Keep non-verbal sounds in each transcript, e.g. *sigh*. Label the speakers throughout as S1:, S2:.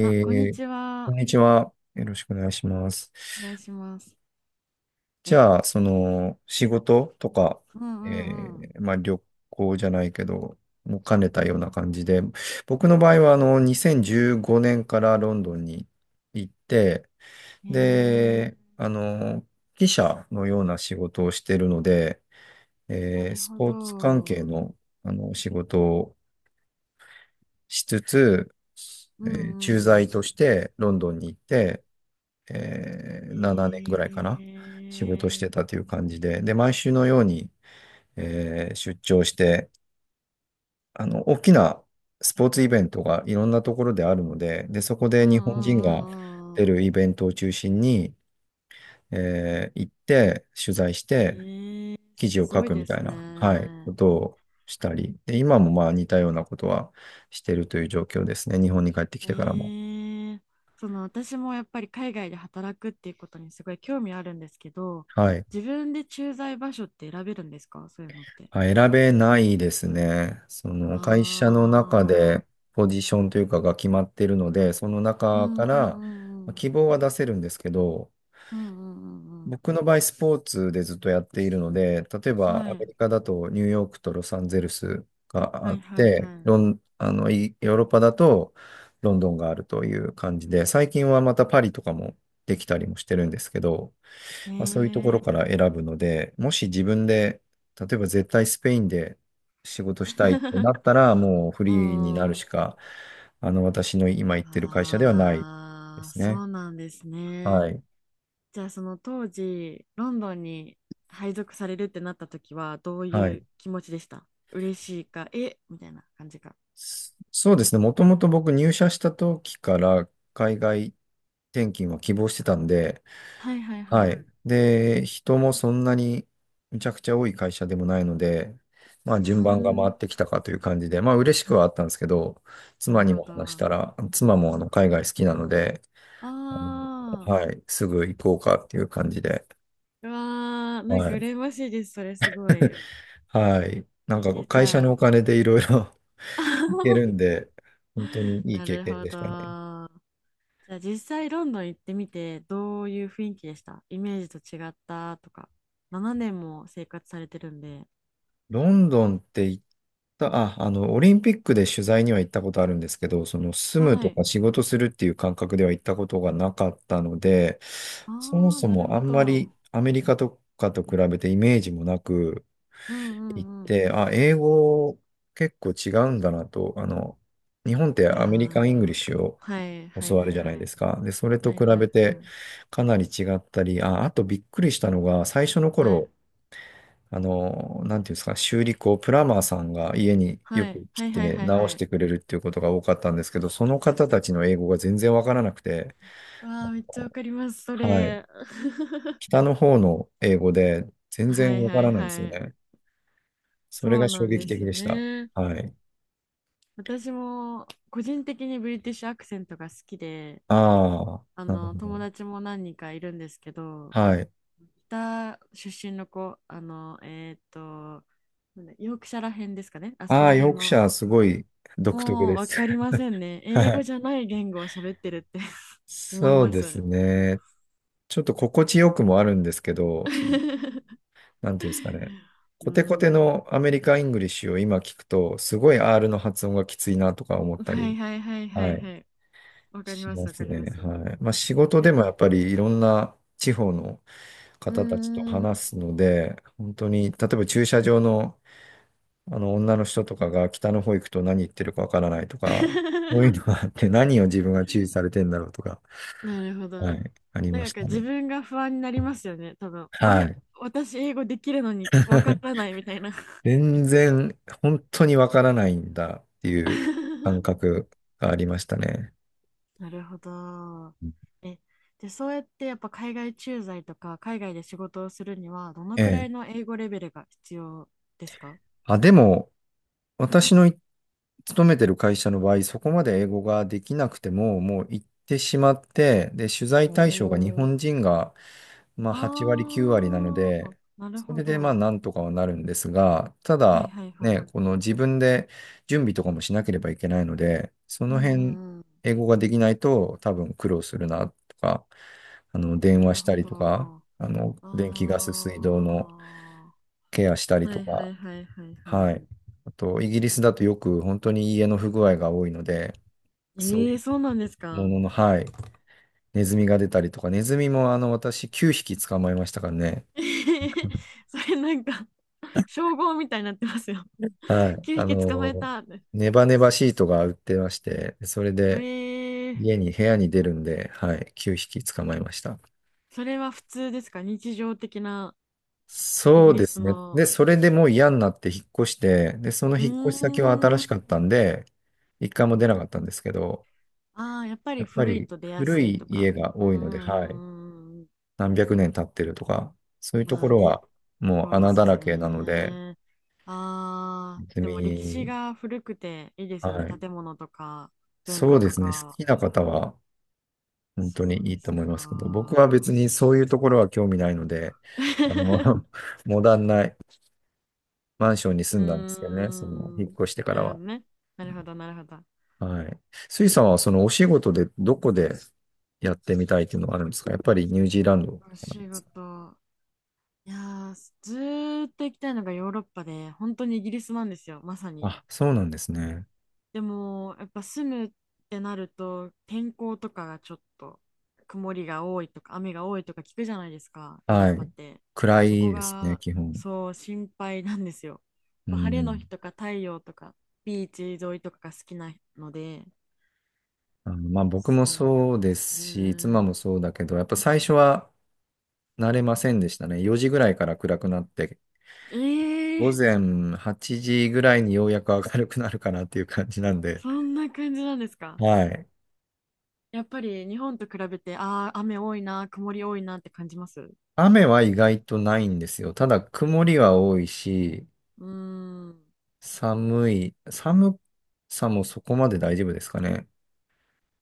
S1: あ、こんに
S2: ー、
S1: ち
S2: こん
S1: は。
S2: にちは。よろしくお願いします。
S1: お願いします。
S2: じ
S1: え、
S2: ゃあ、仕事とか、
S1: うんうんうん。
S2: まあ、旅行じゃないけど、も兼ねたような感じで、僕の場合は、2015年からロンドンに行って、
S1: へえ、
S2: で、記者のような仕事をしているので、
S1: なる
S2: ス
S1: ほ
S2: ポーツ関
S1: ど。
S2: 係の、仕事をしつつ、
S1: うんう
S2: 駐
S1: んう
S2: 在
S1: ん。
S2: としてロンドンに行って、7年ぐら
S1: へ
S2: いかな、仕事し
S1: え、
S2: てたという感じで、で、毎週のように、出張して、大きなスポーツイベントがいろんなところであるので、で、そこで
S1: うんう
S2: 日本
S1: ん
S2: 人
S1: う
S2: が
S1: んうんう
S2: 出
S1: ん。
S2: るイベントを中心に、行って、取材して、
S1: へえ、
S2: 記事
S1: す
S2: を書
S1: ごい
S2: くみ
S1: で
S2: た
S1: す
S2: いな、はい、こ
S1: ね。
S2: とをしたり、で、今もまあ似たようなことはしてるという状況ですね、日本に帰ってき
S1: へ
S2: てからも。
S1: え、その私もやっぱり海外で働くっていうことにすごい興味あるんですけど、
S2: はい。
S1: 自分で駐在場所って選べるんですか、そういうのって。
S2: あ、選べないですね。そ
S1: あ
S2: の会社の中
S1: あ、
S2: でポジションというかが決まっているので、その
S1: う
S2: 中
S1: ん
S2: か
S1: うんう
S2: ら
S1: んう
S2: まあ
S1: ん。
S2: 希望は出せるんですけど、
S1: うんうんうんうん。
S2: 僕の場合スポーツでずっとやっているので、例えばア
S1: は
S2: メ
S1: い。
S2: リカだとニューヨークとロサンゼルスが
S1: は
S2: あっ
S1: いはい
S2: て、
S1: は
S2: ロン、あの、いヨーロッパだとロンドンがあるという感じで、最近はまたパリとかもできたりもしてるんですけど、
S1: い。へ
S2: まあ、そういうところ
S1: え。
S2: から選ぶので、もし自分で、例えば絶対スペインで仕事したいってな
S1: *laughs*
S2: ったら、もうフ
S1: う
S2: リーになるし
S1: ん。
S2: か、私の今行ってる会社ではないで
S1: ああ、
S2: す
S1: そ
S2: ね。
S1: うなんですね。
S2: はい。
S1: じゃあその当時、ロンドンに配属されるってなった時は、どう
S2: は
S1: い
S2: い。
S1: う気持ちでした？嬉しいか、えみたいな感じか。
S2: そうですね。もともと僕入社した時から海外転勤は希望してたんで、
S1: はいはいは
S2: は
S1: い。
S2: い。で、人もそんなにむちゃくちゃ多い会社でもないので、ま
S1: う
S2: あ
S1: ー
S2: 順番が回っ
S1: ん、
S2: てきたかという感じで、まあ嬉しくはあったんですけど、
S1: な
S2: 妻
S1: る
S2: に
S1: ほ
S2: も
S1: ど。
S2: 話し
S1: あ
S2: たら、妻もあの海外好きなので、あ
S1: あ、
S2: はい、すぐ行こうかっていう感じで、
S1: うわー、なん
S2: は
S1: か
S2: い。
S1: 羨ましいです。それすご
S2: *laughs*
S1: い。
S2: はい。なん
S1: いい
S2: か
S1: です。じ
S2: 会社
S1: ゃ
S2: のお金でいろいろ
S1: あ。
S2: *laughs* 行ける
S1: *laughs*
S2: んで、本当にいい
S1: な
S2: 経
S1: る
S2: 験
S1: ほ
S2: でしたね。
S1: ど。じゃあ実際ロンドン行ってみてどういう雰囲気でした？イメージと違ったとか。7年も生活されてるんで。
S2: ロンドンって行った、あ、あの、オリンピックで取材には行ったことあるんですけど、その住む
S1: は
S2: と
S1: い。
S2: か仕事するっていう感覚では行ったことがなかったので、そも
S1: ああ、
S2: そ
S1: なる
S2: もあ
S1: ほ
S2: んまり
S1: ど。
S2: アメリカとかと比べてイメージもなく
S1: うんう
S2: 行っ
S1: んうん。
S2: て、あ、英語結構違うんだなと、日本って
S1: いや
S2: アメリカン・イングリッ
S1: ー。
S2: シュを
S1: はいはい
S2: 教わ
S1: は
S2: る
S1: い
S2: じゃない
S1: は
S2: で
S1: い。
S2: すか。で、それと
S1: はい
S2: 比
S1: はい
S2: べて
S1: はい。
S2: かなり違ったり、あ、あとびっくりしたのが、最初の
S1: はい
S2: 頃、なんていうんですか、修理工、プラマーさんが家によ
S1: はい
S2: く来
S1: はいはい
S2: て
S1: はい
S2: 直
S1: は
S2: し
S1: い。
S2: てくれるっていうことが多かったんですけど、その方たちの英語が全然わからなくて、
S1: わあ、めっちゃわかります、そ
S2: はい。
S1: れ。*laughs*
S2: 北の方の英語で全
S1: は
S2: 然
S1: い
S2: わか
S1: はい
S2: らないんですよ
S1: はい。
S2: ね。それ
S1: そう
S2: が衝
S1: なん
S2: 撃
S1: で
S2: 的
S1: すよ
S2: でした。
S1: ね。
S2: はい。
S1: 私も個人的にブリティッシュアクセントが好きで、
S2: ああ、なるほ
S1: 友
S2: ど。
S1: 達も何人かいるんですけど、
S2: はい。
S1: 北出身の子、なんだヨークシャら辺ですかね、あそこ
S2: あ
S1: ら
S2: あ、ヨ
S1: 辺
S2: ークシ
S1: の、
S2: ャーすごい独特
S1: もう
S2: で
S1: 分
S2: す。
S1: かり
S2: *laughs*
S1: ませんね。英
S2: は
S1: 語
S2: い。
S1: じゃない言語を喋ってるって *laughs* 思い
S2: そう
S1: ま
S2: です
S1: す。
S2: ね。ちょっと心地よくもあるんですけど、
S1: *laughs*
S2: なんていうんですかね。
S1: う
S2: コテコテ
S1: ん、
S2: のアメリカ・イングリッシュを今聞くと、すごい R の発音がきついなとか思った
S1: は
S2: り、
S1: いはいはいは
S2: は
S1: い
S2: い、
S1: はい。わかり
S2: し
S1: ま
S2: ま
S1: すわか
S2: す
S1: りま
S2: ね。
S1: す。
S2: はい。まあ仕事
S1: で
S2: でも
S1: も、
S2: やっぱりいろんな地方の
S1: うー
S2: 方たちと
S1: ん。
S2: 話すので、本当に、例えば駐車場の、あの女の人とかが北の方行くと何言ってるかわからないとか、そういうの
S1: *laughs*
S2: があって何を自分が注意されてんだろうとか、
S1: なるほど。
S2: はい、ありま
S1: なん
S2: し
S1: か
S2: た
S1: 自
S2: ね。
S1: 分が不安になりますよね、多分。あ
S2: は
S1: れ、
S2: い。
S1: 私英語できるのにわからないみたいな。
S2: 全然本当にわからないんだっていう感
S1: *laughs*
S2: 覚がありましたね。
S1: なるほど。
S2: うん
S1: え、で、そうやってやっぱ海外駐在とか海外で仕事をするにはどの
S2: え
S1: くら
S2: え。
S1: いの英語レベルが必要ですか？
S2: あ、でも、私のい勤めてる会社の場合、そこまで英語ができなくても、もう行ってしまって、で、取材
S1: お
S2: 対象が日本
S1: ー、
S2: 人が、まあ、8割、9割なの
S1: ああ、
S2: で、
S1: なる
S2: そ
S1: ほ
S2: れでまあ、
S1: ど。
S2: なんとかはなるんですが、た
S1: はい
S2: だ、
S1: はいはい。
S2: ね、この自分で準備とかもしなければいけないので、そ
S1: うん
S2: の
S1: う
S2: 辺、
S1: んうん。
S2: 英語ができないと多分苦労するなとか、電
S1: な
S2: 話
S1: る
S2: した
S1: ほ
S2: りとか、
S1: ど。
S2: 電気、ガス、
S1: あ
S2: 水道のケアした
S1: あ。
S2: り
S1: は
S2: と
S1: いは
S2: か、
S1: いはいはいは
S2: は
S1: い。
S2: い。あと、イギリスだとよく本当に家の不具合が多いので、そうい
S1: ええ、そうなんです
S2: うも
S1: か。
S2: のの、はい。ネズミが出たりとか、ネズミもあの、私9匹捕まえましたからね。
S1: *laughs* それなんか、称号みたいになってますよ。
S2: は
S1: *laughs*
S2: い。
S1: 9匹捕まえたって。
S2: ネバネバシートが売ってまして、それで
S1: ええ、
S2: 家に、部屋に出るんで、はい。9匹捕まえました。
S1: それは普通ですか？日常的な、イ
S2: そ
S1: ギ
S2: う
S1: リ
S2: で
S1: ス
S2: すね。で、
S1: の。
S2: それでもう嫌になって引っ越して、で、その
S1: う
S2: 引っ越し先は新
S1: ー
S2: し
S1: ん。
S2: かったんで、一回も出なかったんですけど、
S1: ああ、やっぱ
S2: や
S1: り
S2: っぱ
S1: 古い
S2: り
S1: と出や
S2: 古
S1: すい
S2: い
S1: とか。
S2: 家が
S1: うん
S2: 多い
S1: うんう
S2: ので、はい。
S1: んうんうん。
S2: 何百年経ってるとか、そういうと
S1: ま
S2: こ
S1: あ
S2: ろ
S1: ね、
S2: はも
S1: そ
S2: う
S1: うで
S2: 穴だ
S1: すよ
S2: らけなので、
S1: ね。ああ、
S2: 別
S1: でも歴史
S2: に、
S1: が古くていいです
S2: は
S1: よね。
S2: い。
S1: 建物とか文
S2: そ
S1: 化
S2: うで
S1: と
S2: すね。好
S1: か。
S2: きな方は本当に
S1: そう
S2: いい
S1: で
S2: と
S1: す
S2: 思いますけど、僕は
S1: か。
S2: 別にそういうところは興味ないので、あの、
S1: *laughs*
S2: *laughs* モダンなマンションに住
S1: うー
S2: んだんですけどね、その、引っ
S1: ん。
S2: 越してか
S1: な
S2: ら
S1: るほ
S2: は。
S1: どね。なるほど、なるほど。
S2: はい。スイさんはそのお仕事でどこでやってみたいっていうのはあるんですか？やっぱりニュージーランドと
S1: お
S2: かなんで
S1: 仕
S2: すか？
S1: 事。いやー、ずーっと行きたいのがヨーロッパで、本当にイギリスなんですよ、まさに。
S2: あ、そうなんですね。
S1: でも、やっぱ住むってなると、天候とかがちょっと、曇りが多いとか、雨が多いとか聞くじゃないですか、ヨーロッ
S2: は
S1: パっ
S2: い。
S1: て。
S2: 暗
S1: そこ
S2: いですね、
S1: が、
S2: 基本。
S1: そう、心配なんですよ。やっ
S2: う
S1: ぱ晴れの日
S2: ん。
S1: とか太陽とか、ビーチ沿いとかが好きなので、
S2: まあ僕
S1: そ
S2: もそう
S1: うで
S2: で
S1: す
S2: すし、妻
S1: ね。
S2: もそうだけど、やっぱ最初は慣れませんでしたね。4時ぐらいから暗くなって、
S1: ええ
S2: 午
S1: ー、
S2: 前8時ぐらいにようやく明るくなるかなっていう感じなんで、
S1: そんな感じなんですか。
S2: はい。
S1: やっぱり日本と比べて、ああ、雨多いな、曇り多いなって感じます。う
S2: 雨は意外とないんですよ。ただ曇りは多いし、
S1: ーん、
S2: 寒さもそこまで大丈夫ですかね。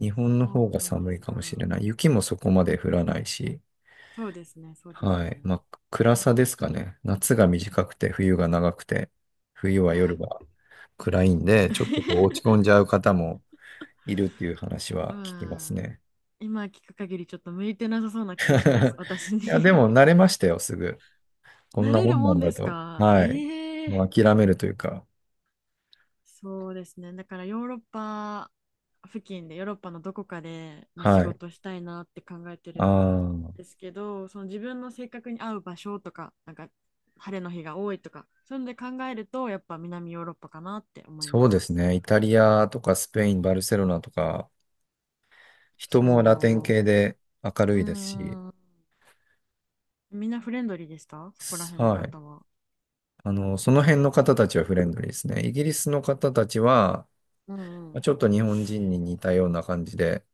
S2: 日本
S1: そ
S2: の方
S1: う
S2: が
S1: なんで
S2: 寒い
S1: す
S2: か
S1: か。
S2: もしれない。雪もそこまで降らないし。
S1: そうですね、そうです
S2: はい。
S1: ね。
S2: まあ、暗さですかね。夏が短くて、冬が長くて、冬は
S1: ま
S2: 夜が
S1: あ、
S2: 暗いんで、ちょっとこう落ち込ん
S1: *laughs*
S2: じゃう方もいるっていう話は聞きます
S1: まあ
S2: ね。
S1: 今聞く限りちょっと向いてなさそうな気が
S2: *laughs*
S1: します、私に
S2: いや、でも
S1: *laughs*
S2: 慣れましたよ、すぐ。こん
S1: な
S2: な
S1: れ
S2: も
S1: る
S2: んな
S1: も
S2: ん
S1: んで
S2: だ
S1: す
S2: と。
S1: か。
S2: はい。
S1: ええー、
S2: もう諦めるというか。
S1: そうですね。だからヨーロッパ付近で、ヨーロッパのどこかで、まあ、仕
S2: はい。
S1: 事したいなって考えて
S2: あ
S1: る。
S2: あ、
S1: ですけど、その自分の性格に合う場所とか、なんか晴れの日が多いとか、そういうので考えると、やっぱ南ヨーロッパかなって思い
S2: そ
S1: ま
S2: うで
S1: す。
S2: すね。イタリアとかスペイン、バルセロナとか、人もラテン
S1: そ
S2: 系で明る
S1: う。う
S2: いですし、
S1: ーん。みんなフレンドリーでした？そこら辺の
S2: はい。
S1: 方は。
S2: その辺の方たちはフレンドリーですね。イギリスの方たちは、
S1: うんう
S2: ま
S1: ん。
S2: あちょっと日本人に似たような感じで、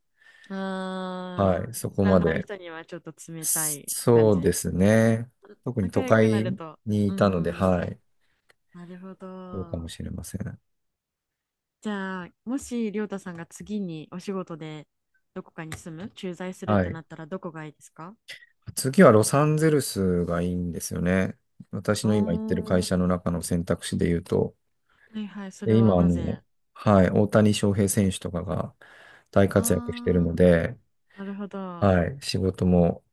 S2: は
S1: あ
S2: い、そ
S1: ー、
S2: こ
S1: 知ら
S2: ま
S1: ない
S2: で。
S1: 人にはちょっと冷た
S2: そ
S1: い感
S2: そうで
S1: じ。
S2: すね。特に
S1: 仲
S2: 都
S1: 良くな
S2: 会
S1: ると。
S2: に
S1: う
S2: い
S1: んう
S2: たので、
S1: んうん。
S2: はい、
S1: なるほ
S2: そうかも
S1: ど。
S2: しれません。
S1: じゃあ、もし、りょうたさんが次にお仕事でどこかに住む、駐在するっ
S2: は
S1: て
S2: い。
S1: なったらどこがいいですか？
S2: 次はロサンゼルスがいいんですよね。私
S1: お
S2: の今行ってる会
S1: ー。
S2: 社の中の選択肢で言うと、
S1: はいはい、それ
S2: で
S1: は
S2: 今、あ
S1: な
S2: の、
S1: ぜ？
S2: はい、大谷翔平選手とかが大活躍してる
S1: あー、
S2: ので、
S1: *laughs* なるほど。
S2: はい、仕事も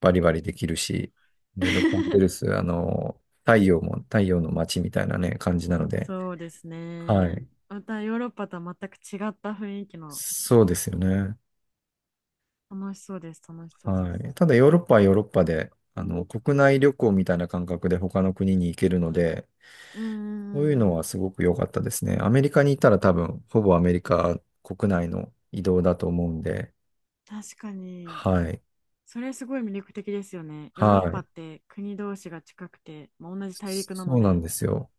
S2: バリバリできるし、で、ロサンゼルス、
S1: *laughs*
S2: あの、太陽も、太陽の街みたいなね、感じなので、
S1: そうです
S2: は
S1: ね。
S2: い、
S1: またヨーロッパとは全く違った雰囲気の、
S2: そうですよね。
S1: 楽しそうです、楽しそうで
S2: は
S1: す。
S2: い。ただ、ヨーロッパはヨーロッパで、国内旅行みたいな感覚で他の国に行けるので、
S1: うんうんう
S2: そうい
S1: ん
S2: う
S1: う
S2: のは
S1: ん。
S2: すごく良かったですね。アメリカにいたら多分、ほぼアメリカ国内の移動だと思うんで、
S1: 確かに、
S2: はい、
S1: それすごい魅力的ですよね。ヨーロッ
S2: は
S1: パ
S2: い。
S1: って国同士が近くて、まあ、同じ大陸な
S2: そ
S1: の
S2: うなん
S1: で。
S2: ですよ。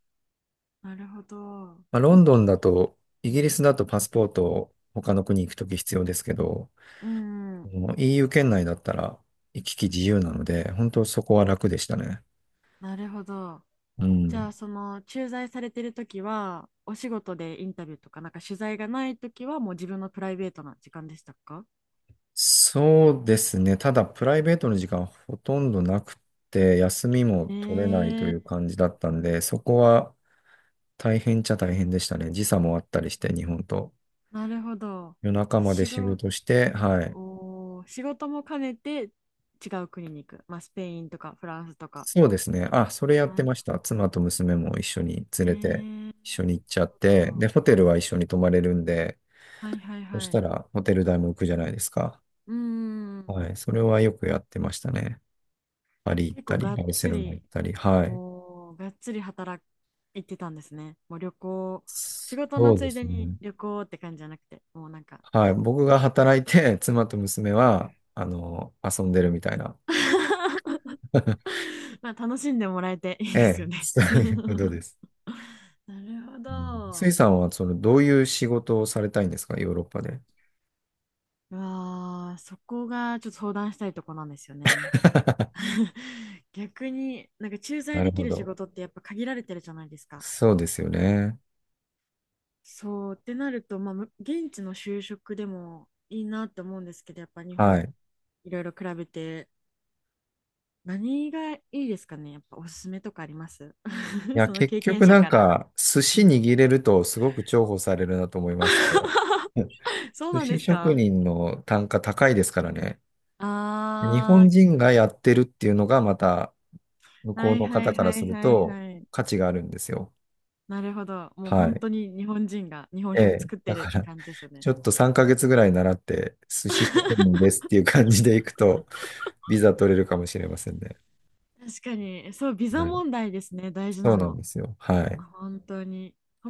S1: なるほど。
S2: まあ、ロンドンだと、イギリスだとパスポートを他の国行くとき必要ですけど、
S1: うんうん、
S2: もう EU 圏内だったら行き来自由なので、本当そこは楽でしたね。
S1: なるほど。
S2: う
S1: じゃ
S2: ん。
S1: あその駐在されてる時はお仕事でインタビューとかなんか取材がない時はもう自分のプライベートな時間でしたか？
S2: そうですね。ただ、プライベートの時間ほとんどなくて、休み
S1: え
S2: も取れないとい
S1: ー、
S2: う感じだったんで、そこは大変っちゃ大変でしたね。時差もあったりして、日本と。
S1: なるほど。
S2: 夜中
S1: で
S2: まで
S1: 仕
S2: 仕
S1: 事、
S2: 事して、はい。
S1: おー、仕事も兼ねて違う国に行く。まあスペインとかフランスとか。
S2: そうですね。あ、それや
S1: あ、
S2: ってました。妻と娘も一緒に
S1: え
S2: 連れて、
S1: ー、なる
S2: 一緒に行っちゃっ
S1: ほ
S2: て、
S1: ど。
S2: で、ホテルは一緒に泊まれるんで、
S1: はいはい
S2: そし
S1: はい。
S2: たらホテル代も浮くじゃないですか。
S1: うーん。
S2: はい。それはよくやってましたね。パリ行っ
S1: 結
S2: た
S1: 構
S2: り、
S1: がっ
S2: バルセ
S1: つ
S2: ロナ行
S1: り、
S2: ったり。はい。
S1: おー、がっつり働いてたんですね。もう旅行、仕事
S2: そ
S1: の
S2: う
S1: つ
S2: で
S1: いで
S2: す
S1: に
S2: ね。
S1: 旅行って感じじゃなくて、もうなんか
S2: はい。僕が働いて、妻と娘は、遊んでるみたいな。
S1: *laughs*
S2: *laughs*
S1: まあ楽しんでもらえていい
S2: え
S1: です
S2: え、
S1: よね
S2: そう
S1: *laughs* な
S2: いうことです。
S1: るほ
S2: うんスイ
S1: ど。
S2: さんは、どういう仕事をされたいんですか？ヨーロッパで。
S1: うわあ、そこがちょっと相談したいとこなんですよね。
S2: *laughs*
S1: *laughs* 逆になんか駐在
S2: なる
S1: でき
S2: ほ
S1: る仕
S2: ど。
S1: 事ってやっぱ限られてるじゃないですか。
S2: そうですよね。
S1: そうってなると、まあ、む現地の就職でもいいなって思うんですけど、やっぱ日
S2: は
S1: 本
S2: い。
S1: いろいろ比べて、何がいいですかね？やっぱおすすめとかあります？
S2: い
S1: *laughs*
S2: や、
S1: その
S2: 結
S1: 経験
S2: 局
S1: 者
S2: なん
S1: から。
S2: か、寿
S1: う
S2: 司
S1: ん。
S2: 握れるとすごく重宝されるなと思いますと。
S1: *laughs*
S2: うん
S1: そう
S2: 寿
S1: なんで
S2: 司
S1: す
S2: 職
S1: か？
S2: 人の単価高いですからね。日
S1: あ
S2: 本
S1: ー、
S2: 人がやってるっていうのがまた、向こ
S1: は
S2: う
S1: い
S2: の
S1: は
S2: 方
S1: い
S2: か
S1: は
S2: ら
S1: い
S2: する
S1: はい
S2: と
S1: はい。
S2: 価値があるんですよ。
S1: なるほど。もう
S2: は
S1: 本
S2: い。
S1: 当に日本人が日本
S2: え
S1: 食
S2: え。
S1: 作って
S2: だ
S1: るっ
S2: か
S1: て
S2: ら、
S1: 感じですよね。
S2: ちょっと3ヶ月ぐらい習って、寿司職人ですっていう感じでいくと、ビザ取れるかもしれませんね。
S1: 確かに、そう、ビザ
S2: はい。
S1: 問題ですね、大事
S2: そう
S1: な
S2: なん
S1: の。
S2: ですよ。はい。
S1: 本当に。